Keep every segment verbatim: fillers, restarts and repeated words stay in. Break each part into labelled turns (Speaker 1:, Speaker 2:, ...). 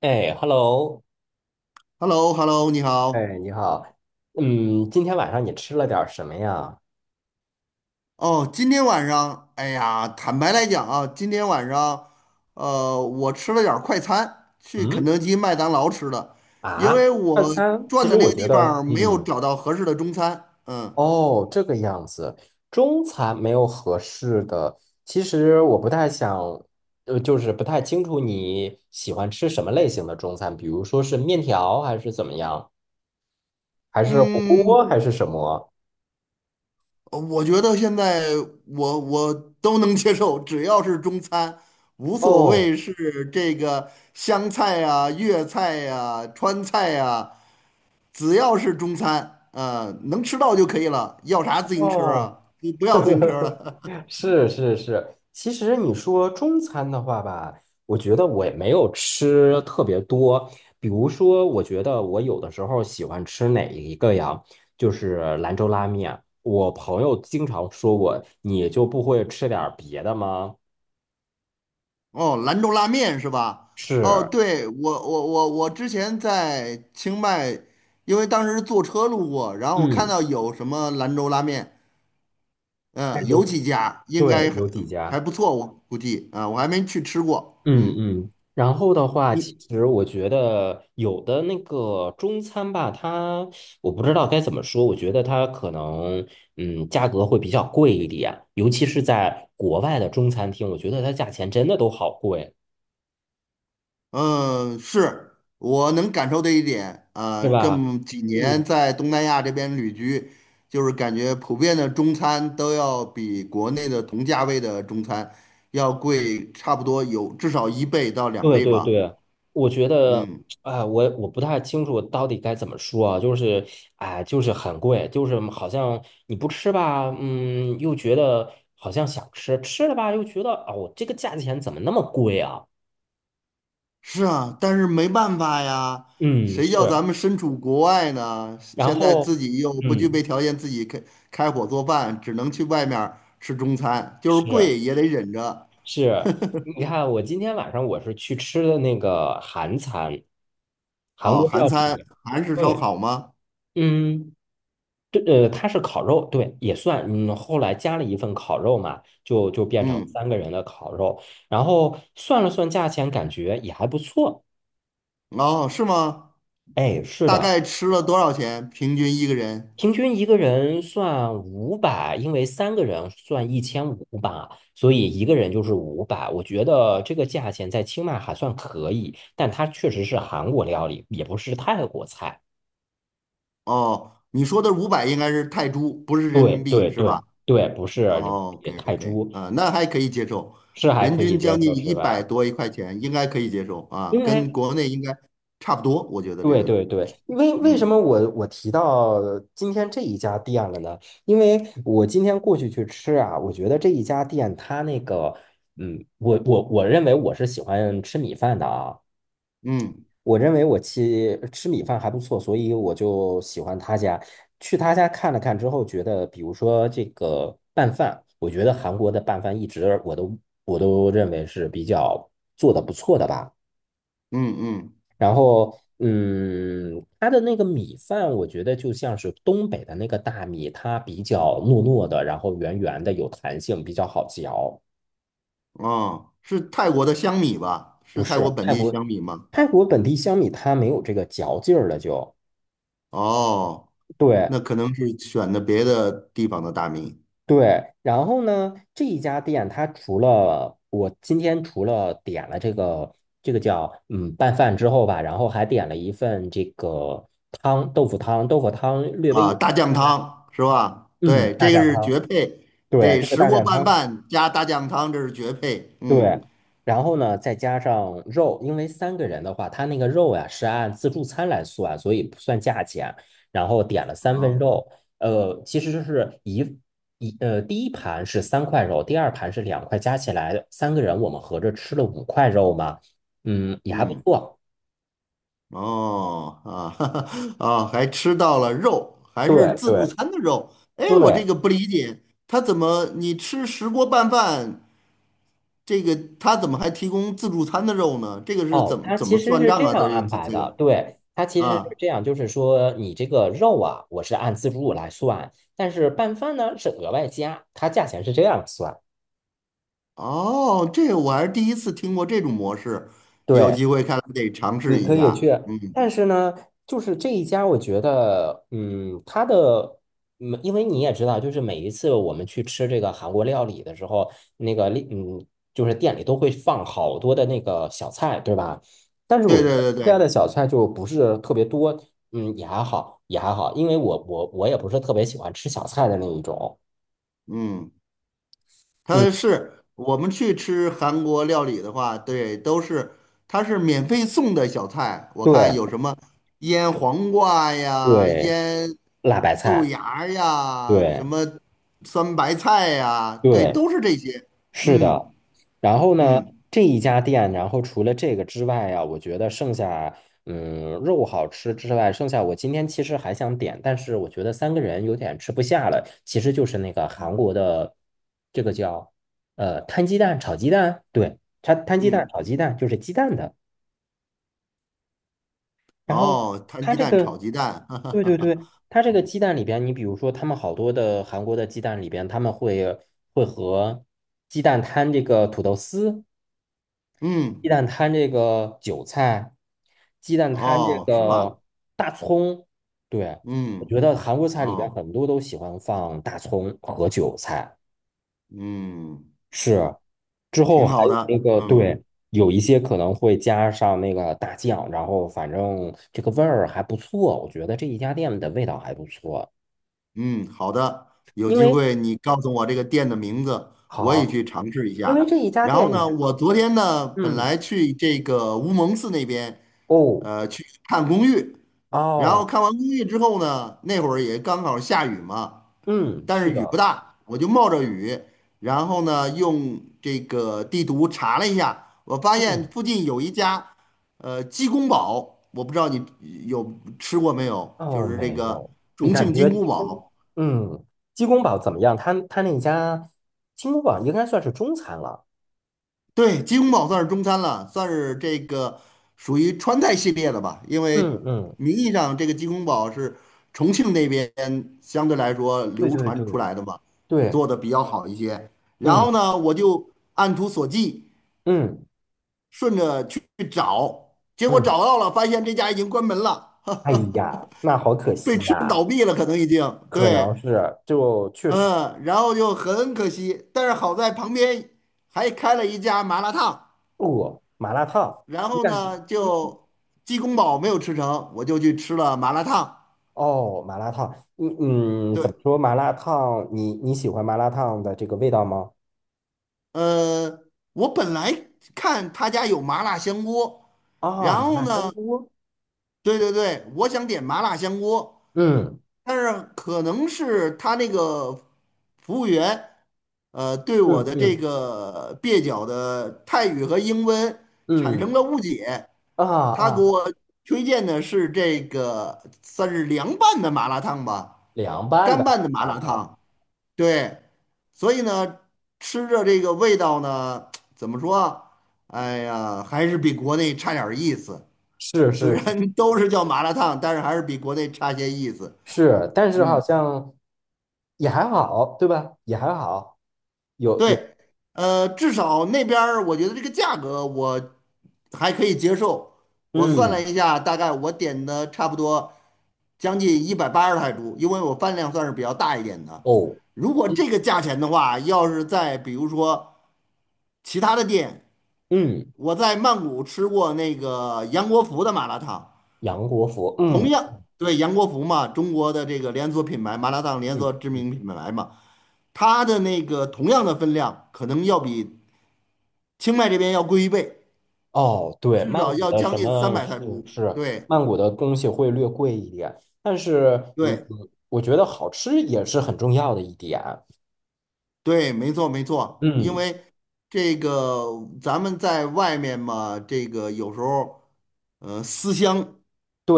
Speaker 1: 哎，hello，
Speaker 2: h e l l o h e l l o 你好。
Speaker 1: 哎，你好，嗯，今天晚上你吃了点儿什么呀？
Speaker 2: 哦，今天晚上，哎呀，坦白来讲啊，今天晚上，呃，我吃了点儿快餐，去肯
Speaker 1: 嗯，
Speaker 2: 德基、麦当劳吃的，因
Speaker 1: 啊，
Speaker 2: 为
Speaker 1: 晚
Speaker 2: 我
Speaker 1: 餐其
Speaker 2: 转的
Speaker 1: 实
Speaker 2: 那
Speaker 1: 我
Speaker 2: 个
Speaker 1: 觉
Speaker 2: 地方
Speaker 1: 得，
Speaker 2: 儿没有
Speaker 1: 嗯，
Speaker 2: 找到合适的中餐。嗯
Speaker 1: 哦，这个样子，中餐没有合适的。其实我不太想，呃，就是不太清楚你喜欢吃什么类型的中餐，比如说是面条还是怎么样，还是火
Speaker 2: 嗯，
Speaker 1: 锅还是什么？
Speaker 2: 我觉得现在我我都能接受，只要是中餐，无所
Speaker 1: 哦
Speaker 2: 谓是这个湘菜呀、粤菜呀、川菜呀。只要是中餐，呃，能吃到就可以了，要啥自行车
Speaker 1: 哦，
Speaker 2: 啊？你不要自行车了。
Speaker 1: 是是是，其实你说中餐的话吧，我觉得我也没有吃特别多。比如说，我觉得我有的时候喜欢吃哪一个呀？就是兰州拉面。我朋友经常说我，你就不会吃点儿别的吗？
Speaker 2: 哦，兰州拉面是吧？哦，
Speaker 1: 是，
Speaker 2: 对，我我我我之前在清迈，因为当时坐车路过，然后我看
Speaker 1: 嗯，
Speaker 2: 到有什么兰州拉面，
Speaker 1: 但
Speaker 2: 嗯、
Speaker 1: 是
Speaker 2: 有几家应该
Speaker 1: 对，
Speaker 2: 还
Speaker 1: 有几
Speaker 2: 还
Speaker 1: 家。
Speaker 2: 不错，我估计啊、我还没去吃过。
Speaker 1: 嗯
Speaker 2: 嗯，
Speaker 1: 嗯，然后的话，其
Speaker 2: 你
Speaker 1: 实我觉得有的那个中餐吧，它我不知道该怎么说，我觉得它可能嗯价格会比较贵一点，尤其是在国外的中餐厅，我觉得它价钱真的都好贵，
Speaker 2: 嗯，是我能感受的一点啊，
Speaker 1: 是
Speaker 2: 这
Speaker 1: 吧？
Speaker 2: 么几年
Speaker 1: 嗯。
Speaker 2: 在东南亚这边旅居，就是感觉普遍的中餐都要比国内的同价位的中餐要贵，差不多有至少一倍到两
Speaker 1: 对
Speaker 2: 倍
Speaker 1: 对
Speaker 2: 吧。
Speaker 1: 对，我觉得，
Speaker 2: 嗯，
Speaker 1: 哎，我我不太清楚到底该怎么说啊，就是，哎，就是很贵，就是好像你不吃吧，嗯，又觉得好像想吃，吃了吧又觉得，哦，这个价钱怎么那么贵啊？
Speaker 2: 是啊，但是没办法呀，
Speaker 1: 嗯，
Speaker 2: 谁叫
Speaker 1: 是，
Speaker 2: 咱们身处国外呢？
Speaker 1: 然
Speaker 2: 现在
Speaker 1: 后，
Speaker 2: 自己又不具
Speaker 1: 嗯，
Speaker 2: 备条件自己开开火做饭，只能去外面儿吃中餐，就是
Speaker 1: 是
Speaker 2: 贵也得忍着。
Speaker 1: 是，你看我今天晚上我是去吃的那个韩餐，韩
Speaker 2: 哦，
Speaker 1: 国
Speaker 2: 韩
Speaker 1: 料
Speaker 2: 餐，
Speaker 1: 理，
Speaker 2: 韩式烧
Speaker 1: 对，
Speaker 2: 烤吗？
Speaker 1: 嗯。对，呃，它是烤肉，对，也算，嗯，后来加了一份烤肉嘛，就就变成
Speaker 2: 嗯，
Speaker 1: 三个人的烤肉，然后算了算价钱，感觉也还不错。
Speaker 2: 哦，是吗？
Speaker 1: 哎，是
Speaker 2: 大
Speaker 1: 的，
Speaker 2: 概吃了多少钱？平均一个人？
Speaker 1: 平均一个人算五百，因为三个人算一千五吧，所以一个人就是五百。我觉得这个价钱在清迈还算可以，但它确实是韩国料理，也不是泰国菜。
Speaker 2: 哦，你说的五百应该是泰铢，不是人
Speaker 1: 对
Speaker 2: 民币，
Speaker 1: 对
Speaker 2: 是吧？
Speaker 1: 对对，不是人民
Speaker 2: 哦
Speaker 1: 币
Speaker 2: ，OK
Speaker 1: 泰
Speaker 2: OK，
Speaker 1: 铢，
Speaker 2: 啊，那还可以接受，
Speaker 1: 是还
Speaker 2: 人
Speaker 1: 可以
Speaker 2: 均
Speaker 1: 接
Speaker 2: 将
Speaker 1: 受，
Speaker 2: 近
Speaker 1: 是
Speaker 2: 一百
Speaker 1: 吧？
Speaker 2: 多一块钱，应该可以接受
Speaker 1: 因
Speaker 2: 啊，跟
Speaker 1: 为
Speaker 2: 国内应该差不多，我觉得这
Speaker 1: 对
Speaker 2: 个，
Speaker 1: 对对，为为什
Speaker 2: 嗯
Speaker 1: 么我我提到今天这一家店了呢？因为我今天过去去吃啊，我觉得这一家店它那个，嗯，我我我认为我是喜欢吃米饭的啊，
Speaker 2: 嗯
Speaker 1: 我认为我吃吃米饭还不错，所以我就喜欢他家。去他家看了看之后，觉得比如说这个拌饭，我觉得韩国的拌饭一直我都我都认为是比较做的不错的吧。
Speaker 2: 嗯嗯，
Speaker 1: 然后，嗯，它的那个米饭，我觉得就像是东北的那个大米，它比较糯糯的，然后圆圆的，有弹性，比较好嚼。
Speaker 2: 哦，是泰国的香米吧？
Speaker 1: 不
Speaker 2: 是泰国
Speaker 1: 是
Speaker 2: 本
Speaker 1: 泰
Speaker 2: 地
Speaker 1: 国，
Speaker 2: 香米吗？
Speaker 1: 泰国本地香米它没有这个嚼劲儿了就，
Speaker 2: 哦，
Speaker 1: 对
Speaker 2: 那可能是选的别的地方的大米，
Speaker 1: 对。然后呢，这一家店它除了我今天除了点了这个这个叫嗯拌饭之后吧，然后还点了一份这个汤豆腐汤，豆腐汤略微
Speaker 2: 啊，
Speaker 1: 有
Speaker 2: 大酱
Speaker 1: 点辣，
Speaker 2: 汤是吧？
Speaker 1: 嗯，
Speaker 2: 对，
Speaker 1: 大
Speaker 2: 这个
Speaker 1: 酱
Speaker 2: 是
Speaker 1: 汤。
Speaker 2: 绝配，
Speaker 1: 对，
Speaker 2: 对，
Speaker 1: 这个
Speaker 2: 石
Speaker 1: 大
Speaker 2: 锅
Speaker 1: 酱
Speaker 2: 拌
Speaker 1: 汤，
Speaker 2: 饭加大酱汤，这是绝配。
Speaker 1: 对，
Speaker 2: 嗯，
Speaker 1: 然后呢，再加上肉，因为三个人的话，他那个肉呀是按自助餐来算，所以不算价钱。然后点了三份
Speaker 2: 哦，
Speaker 1: 肉，呃，其实就是一一呃，第一盘是三块肉，第二盘是两块，加起来三个人我们合着吃了五块肉嘛，嗯，也还不
Speaker 2: 嗯，
Speaker 1: 错。
Speaker 2: 哦，啊，啊，还吃到了肉，还是
Speaker 1: 对
Speaker 2: 自助
Speaker 1: 对
Speaker 2: 餐的肉。哎，我这
Speaker 1: 对，
Speaker 2: 个不理解，他怎么你吃石锅拌饭，这个他怎么还提供自助餐的肉呢？这个是
Speaker 1: 哦，
Speaker 2: 怎么
Speaker 1: 它
Speaker 2: 怎
Speaker 1: 其
Speaker 2: 么
Speaker 1: 实
Speaker 2: 算
Speaker 1: 是
Speaker 2: 账
Speaker 1: 这
Speaker 2: 啊？
Speaker 1: 样
Speaker 2: 这个
Speaker 1: 安
Speaker 2: 这
Speaker 1: 排
Speaker 2: 这
Speaker 1: 的，
Speaker 2: 个
Speaker 1: 对，它其实是
Speaker 2: 啊，
Speaker 1: 这样，就是说你这个肉啊，我是按自助来算，但是拌饭呢是额外加，它价钱是这样算。
Speaker 2: 哦，这个我还是第一次听过这种模式，有
Speaker 1: 对，
Speaker 2: 机会看来得尝试
Speaker 1: 你
Speaker 2: 一
Speaker 1: 可以去，
Speaker 2: 下。嗯。
Speaker 1: 但是呢，就是这一家，我觉得，嗯，它的，嗯，因为你也知道，就是每一次我们去吃这个韩国料理的时候，那个，嗯，就是店里都会放好多的那个小菜，对吧？但是
Speaker 2: 对
Speaker 1: 我觉得
Speaker 2: 对对
Speaker 1: 这家
Speaker 2: 对，
Speaker 1: 的小菜就不是特别多，嗯，也还好，也还好，因为我我我也不是特别喜欢吃小菜的那一种，
Speaker 2: 嗯，
Speaker 1: 嗯，
Speaker 2: 它是我们去吃韩国料理的话，对，都是它是免费送的小菜，我看
Speaker 1: 对
Speaker 2: 有什么腌黄瓜呀、
Speaker 1: 对，
Speaker 2: 腌
Speaker 1: 辣白
Speaker 2: 豆
Speaker 1: 菜，
Speaker 2: 芽儿呀、什
Speaker 1: 对
Speaker 2: 么酸白菜呀，对，
Speaker 1: 对。
Speaker 2: 都是这些。
Speaker 1: 是
Speaker 2: 嗯
Speaker 1: 的，然后呢，
Speaker 2: 嗯
Speaker 1: 这一家店，然后除了这个之外啊，我觉得剩下，嗯，肉好吃之外，剩下我今天其实还想点，但是我觉得三个人有点吃不下了。其实就是那个韩国的，这个叫呃摊鸡蛋炒鸡蛋，对，摊摊鸡蛋
Speaker 2: 嗯，
Speaker 1: 炒鸡蛋就是鸡蛋的。然后
Speaker 2: 哦，摊
Speaker 1: 它
Speaker 2: 鸡
Speaker 1: 这
Speaker 2: 蛋
Speaker 1: 个，
Speaker 2: 炒鸡蛋，
Speaker 1: 对对对，它这个鸡蛋里边，你比如说他们好多的韩国的鸡蛋里边，他们会会和鸡蛋摊这个土豆丝。鸡
Speaker 2: 嗯，
Speaker 1: 蛋摊这个韭菜，鸡蛋摊这
Speaker 2: 哦，是吧？
Speaker 1: 个大葱。对，我
Speaker 2: 嗯，
Speaker 1: 觉得韩国菜里边
Speaker 2: 哦，
Speaker 1: 很多都喜欢放大葱和韭菜。
Speaker 2: 嗯，
Speaker 1: 是，之后
Speaker 2: 挺
Speaker 1: 还
Speaker 2: 好
Speaker 1: 有那
Speaker 2: 的，
Speaker 1: 个，
Speaker 2: 嗯。
Speaker 1: 对，有一些可能会加上那个大酱，然后反正这个味儿还不错，我觉得这一家店的味道还不错。
Speaker 2: 嗯，好的，有
Speaker 1: 因
Speaker 2: 机
Speaker 1: 为
Speaker 2: 会你告诉我这个店的名字，我也
Speaker 1: 好，
Speaker 2: 去尝试一
Speaker 1: 因为
Speaker 2: 下。
Speaker 1: 这一家
Speaker 2: 然
Speaker 1: 店
Speaker 2: 后
Speaker 1: 里
Speaker 2: 呢，
Speaker 1: 面，
Speaker 2: 我昨天呢本
Speaker 1: 嗯，
Speaker 2: 来去这个乌蒙寺那边，
Speaker 1: 哦，
Speaker 2: 呃，去看公寓，然后
Speaker 1: 哦，
Speaker 2: 看完公寓之后呢，那会儿也刚好下雨嘛，
Speaker 1: 嗯，
Speaker 2: 但是
Speaker 1: 是
Speaker 2: 雨不
Speaker 1: 的，
Speaker 2: 大，我就冒着雨，然后呢用这个地图查了一下，我发现
Speaker 1: 嗯。
Speaker 2: 附近有一家，呃，鸡公煲，我不知道你有吃过没有，就
Speaker 1: 哦，
Speaker 2: 是这
Speaker 1: 没
Speaker 2: 个
Speaker 1: 有。你
Speaker 2: 重
Speaker 1: 感
Speaker 2: 庆金
Speaker 1: 觉
Speaker 2: 菇
Speaker 1: 鸡公，
Speaker 2: 煲。
Speaker 1: 嗯，鸡公煲怎么样？他他那家鸡公煲应该算是中餐了。
Speaker 2: 对，鸡公煲算是中餐了，算是这个属于川菜系列的吧。因为
Speaker 1: 嗯嗯，
Speaker 2: 名义上这个鸡公煲是重庆那边相对来说
Speaker 1: 对
Speaker 2: 流
Speaker 1: 对
Speaker 2: 传出
Speaker 1: 对
Speaker 2: 来的吧，
Speaker 1: 对，
Speaker 2: 做的比较好一些。然
Speaker 1: 嗯
Speaker 2: 后呢，我就按图索骥，
Speaker 1: 嗯
Speaker 2: 顺着去找，结果
Speaker 1: 嗯。
Speaker 2: 找到了，发现这家已经关门了，
Speaker 1: 哎呀，那好可
Speaker 2: 被
Speaker 1: 惜
Speaker 2: 吃
Speaker 1: 呀、
Speaker 2: 倒闭了，可能已经
Speaker 1: 可能
Speaker 2: 对，
Speaker 1: 是就确实
Speaker 2: 嗯，然后就很可惜。但是好在旁边还开了一家麻辣烫。
Speaker 1: 饿麻辣烫。
Speaker 2: 然
Speaker 1: 你
Speaker 2: 后
Speaker 1: 感觉？
Speaker 2: 呢，
Speaker 1: 嗯
Speaker 2: 就鸡公煲没有吃成，我就去吃了麻辣烫。
Speaker 1: 哦，麻辣烫，嗯嗯，怎
Speaker 2: 对，
Speaker 1: 么说？麻辣烫，你你喜欢麻辣烫的这个味道吗？
Speaker 2: 呃，我本来看他家有麻辣香锅，
Speaker 1: 啊、
Speaker 2: 然
Speaker 1: 麻
Speaker 2: 后
Speaker 1: 辣香
Speaker 2: 呢，
Speaker 1: 锅。
Speaker 2: 对对对，我想点麻辣香锅，
Speaker 1: 嗯
Speaker 2: 但是可能是他那个服务员，呃，对我
Speaker 1: 嗯
Speaker 2: 的这
Speaker 1: 嗯
Speaker 2: 个蹩脚的泰语和英文产生
Speaker 1: 嗯，
Speaker 2: 了误解，
Speaker 1: 啊
Speaker 2: 他给
Speaker 1: 啊
Speaker 2: 我推荐的是这个算是凉拌的麻辣烫吧，
Speaker 1: 凉拌
Speaker 2: 干
Speaker 1: 的
Speaker 2: 拌的麻辣
Speaker 1: 啊，
Speaker 2: 烫。对，所以呢，吃着这个味道呢，怎么说啊？哎呀，还是比国内差点儿意思。
Speaker 1: 是
Speaker 2: 虽然
Speaker 1: 是
Speaker 2: 都是叫麻辣烫，但是还是比国内差些意思。
Speaker 1: 是，但是好
Speaker 2: 嗯，
Speaker 1: 像也还好，对吧？也还好，有有，
Speaker 2: 对，呃，至少那边儿我觉得这个价格我还可以接受。我算了
Speaker 1: 嗯，
Speaker 2: 一下，大概我点的差不多将近一百八十泰铢，因为我饭量算是比较大一点的。
Speaker 1: 哦，
Speaker 2: 如果
Speaker 1: 一
Speaker 2: 这个价钱的话，要是在比如说其他的店。
Speaker 1: 嗯，
Speaker 2: 我在曼谷吃过那个杨国福的麻辣烫，
Speaker 1: 杨国福，
Speaker 2: 同
Speaker 1: 嗯
Speaker 2: 样对杨国福嘛，中国的这个连锁品牌麻辣烫连锁
Speaker 1: 嗯
Speaker 2: 知
Speaker 1: 嗯，
Speaker 2: 名品牌嘛，它的那个同样的分量，可能要比清迈这边要贵一倍，
Speaker 1: 哦，对，
Speaker 2: 至
Speaker 1: 曼
Speaker 2: 少
Speaker 1: 谷
Speaker 2: 要
Speaker 1: 的
Speaker 2: 将
Speaker 1: 什
Speaker 2: 近三
Speaker 1: 么
Speaker 2: 百泰
Speaker 1: 是
Speaker 2: 铢。
Speaker 1: 是
Speaker 2: 对
Speaker 1: 曼谷的东西会略贵一点，但是嗯，
Speaker 2: 对
Speaker 1: 我觉得好吃也是很重要的一点，
Speaker 2: 对，没错没错，因
Speaker 1: 嗯，
Speaker 2: 为这个咱们在外面嘛，这个有时候呃思乡。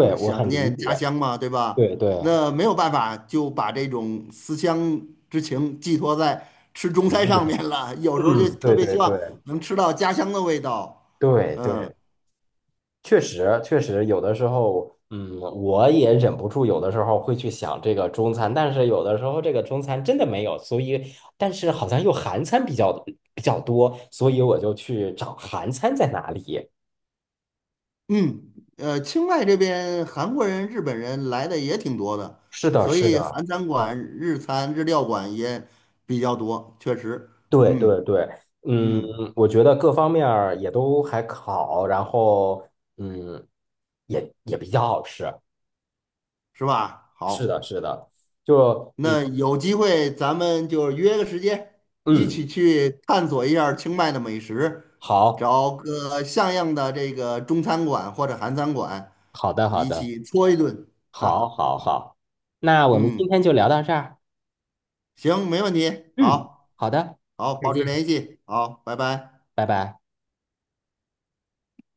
Speaker 2: 就是
Speaker 1: 我
Speaker 2: 想
Speaker 1: 很理
Speaker 2: 念家
Speaker 1: 解，
Speaker 2: 乡嘛，对吧？
Speaker 1: 对对，
Speaker 2: 那没有办法，就把这种思乡之情寄托在吃中
Speaker 1: 很
Speaker 2: 餐
Speaker 1: 正
Speaker 2: 上面
Speaker 1: 常
Speaker 2: 了。有时候就
Speaker 1: 嗯，
Speaker 2: 特
Speaker 1: 对
Speaker 2: 别希
Speaker 1: 对对
Speaker 2: 望能吃到家乡的味道。
Speaker 1: 对对。确实，确实，有的时候，嗯，我也忍不住，有的时候会去想这个中餐，但是有的时候这个中餐真的没有，所以，但是好像又韩餐比较比较多，所以我就去找韩餐在哪里。
Speaker 2: 嗯，呃，清迈这边韩国人、日本人来的也挺多的，
Speaker 1: 是的，
Speaker 2: 所
Speaker 1: 是
Speaker 2: 以
Speaker 1: 的，
Speaker 2: 韩餐馆、日餐、日料馆也比较多，确实，
Speaker 1: 对对
Speaker 2: 嗯
Speaker 1: 对，嗯，
Speaker 2: 嗯，
Speaker 1: 我觉得各方面儿也都还好，然后，嗯，也也比较好吃。
Speaker 2: 是吧？
Speaker 1: 是
Speaker 2: 好。
Speaker 1: 的，是的，就，嗯
Speaker 2: 那有机会咱们就约个时间，一
Speaker 1: 嗯，
Speaker 2: 起去探索一下儿清迈的美食，
Speaker 1: 好，
Speaker 2: 找个像样的这个中餐馆或者韩餐馆，
Speaker 1: 好的，好
Speaker 2: 一
Speaker 1: 的。
Speaker 2: 起搓一顿，哈
Speaker 1: 好，
Speaker 2: 哈，
Speaker 1: 好，好，那我们
Speaker 2: 嗯，
Speaker 1: 今天就聊到这儿。
Speaker 2: 行，没问题，
Speaker 1: 嗯，
Speaker 2: 好，
Speaker 1: 好的，
Speaker 2: 好，
Speaker 1: 再
Speaker 2: 保持
Speaker 1: 见，
Speaker 2: 联系，好，拜拜。
Speaker 1: 拜拜。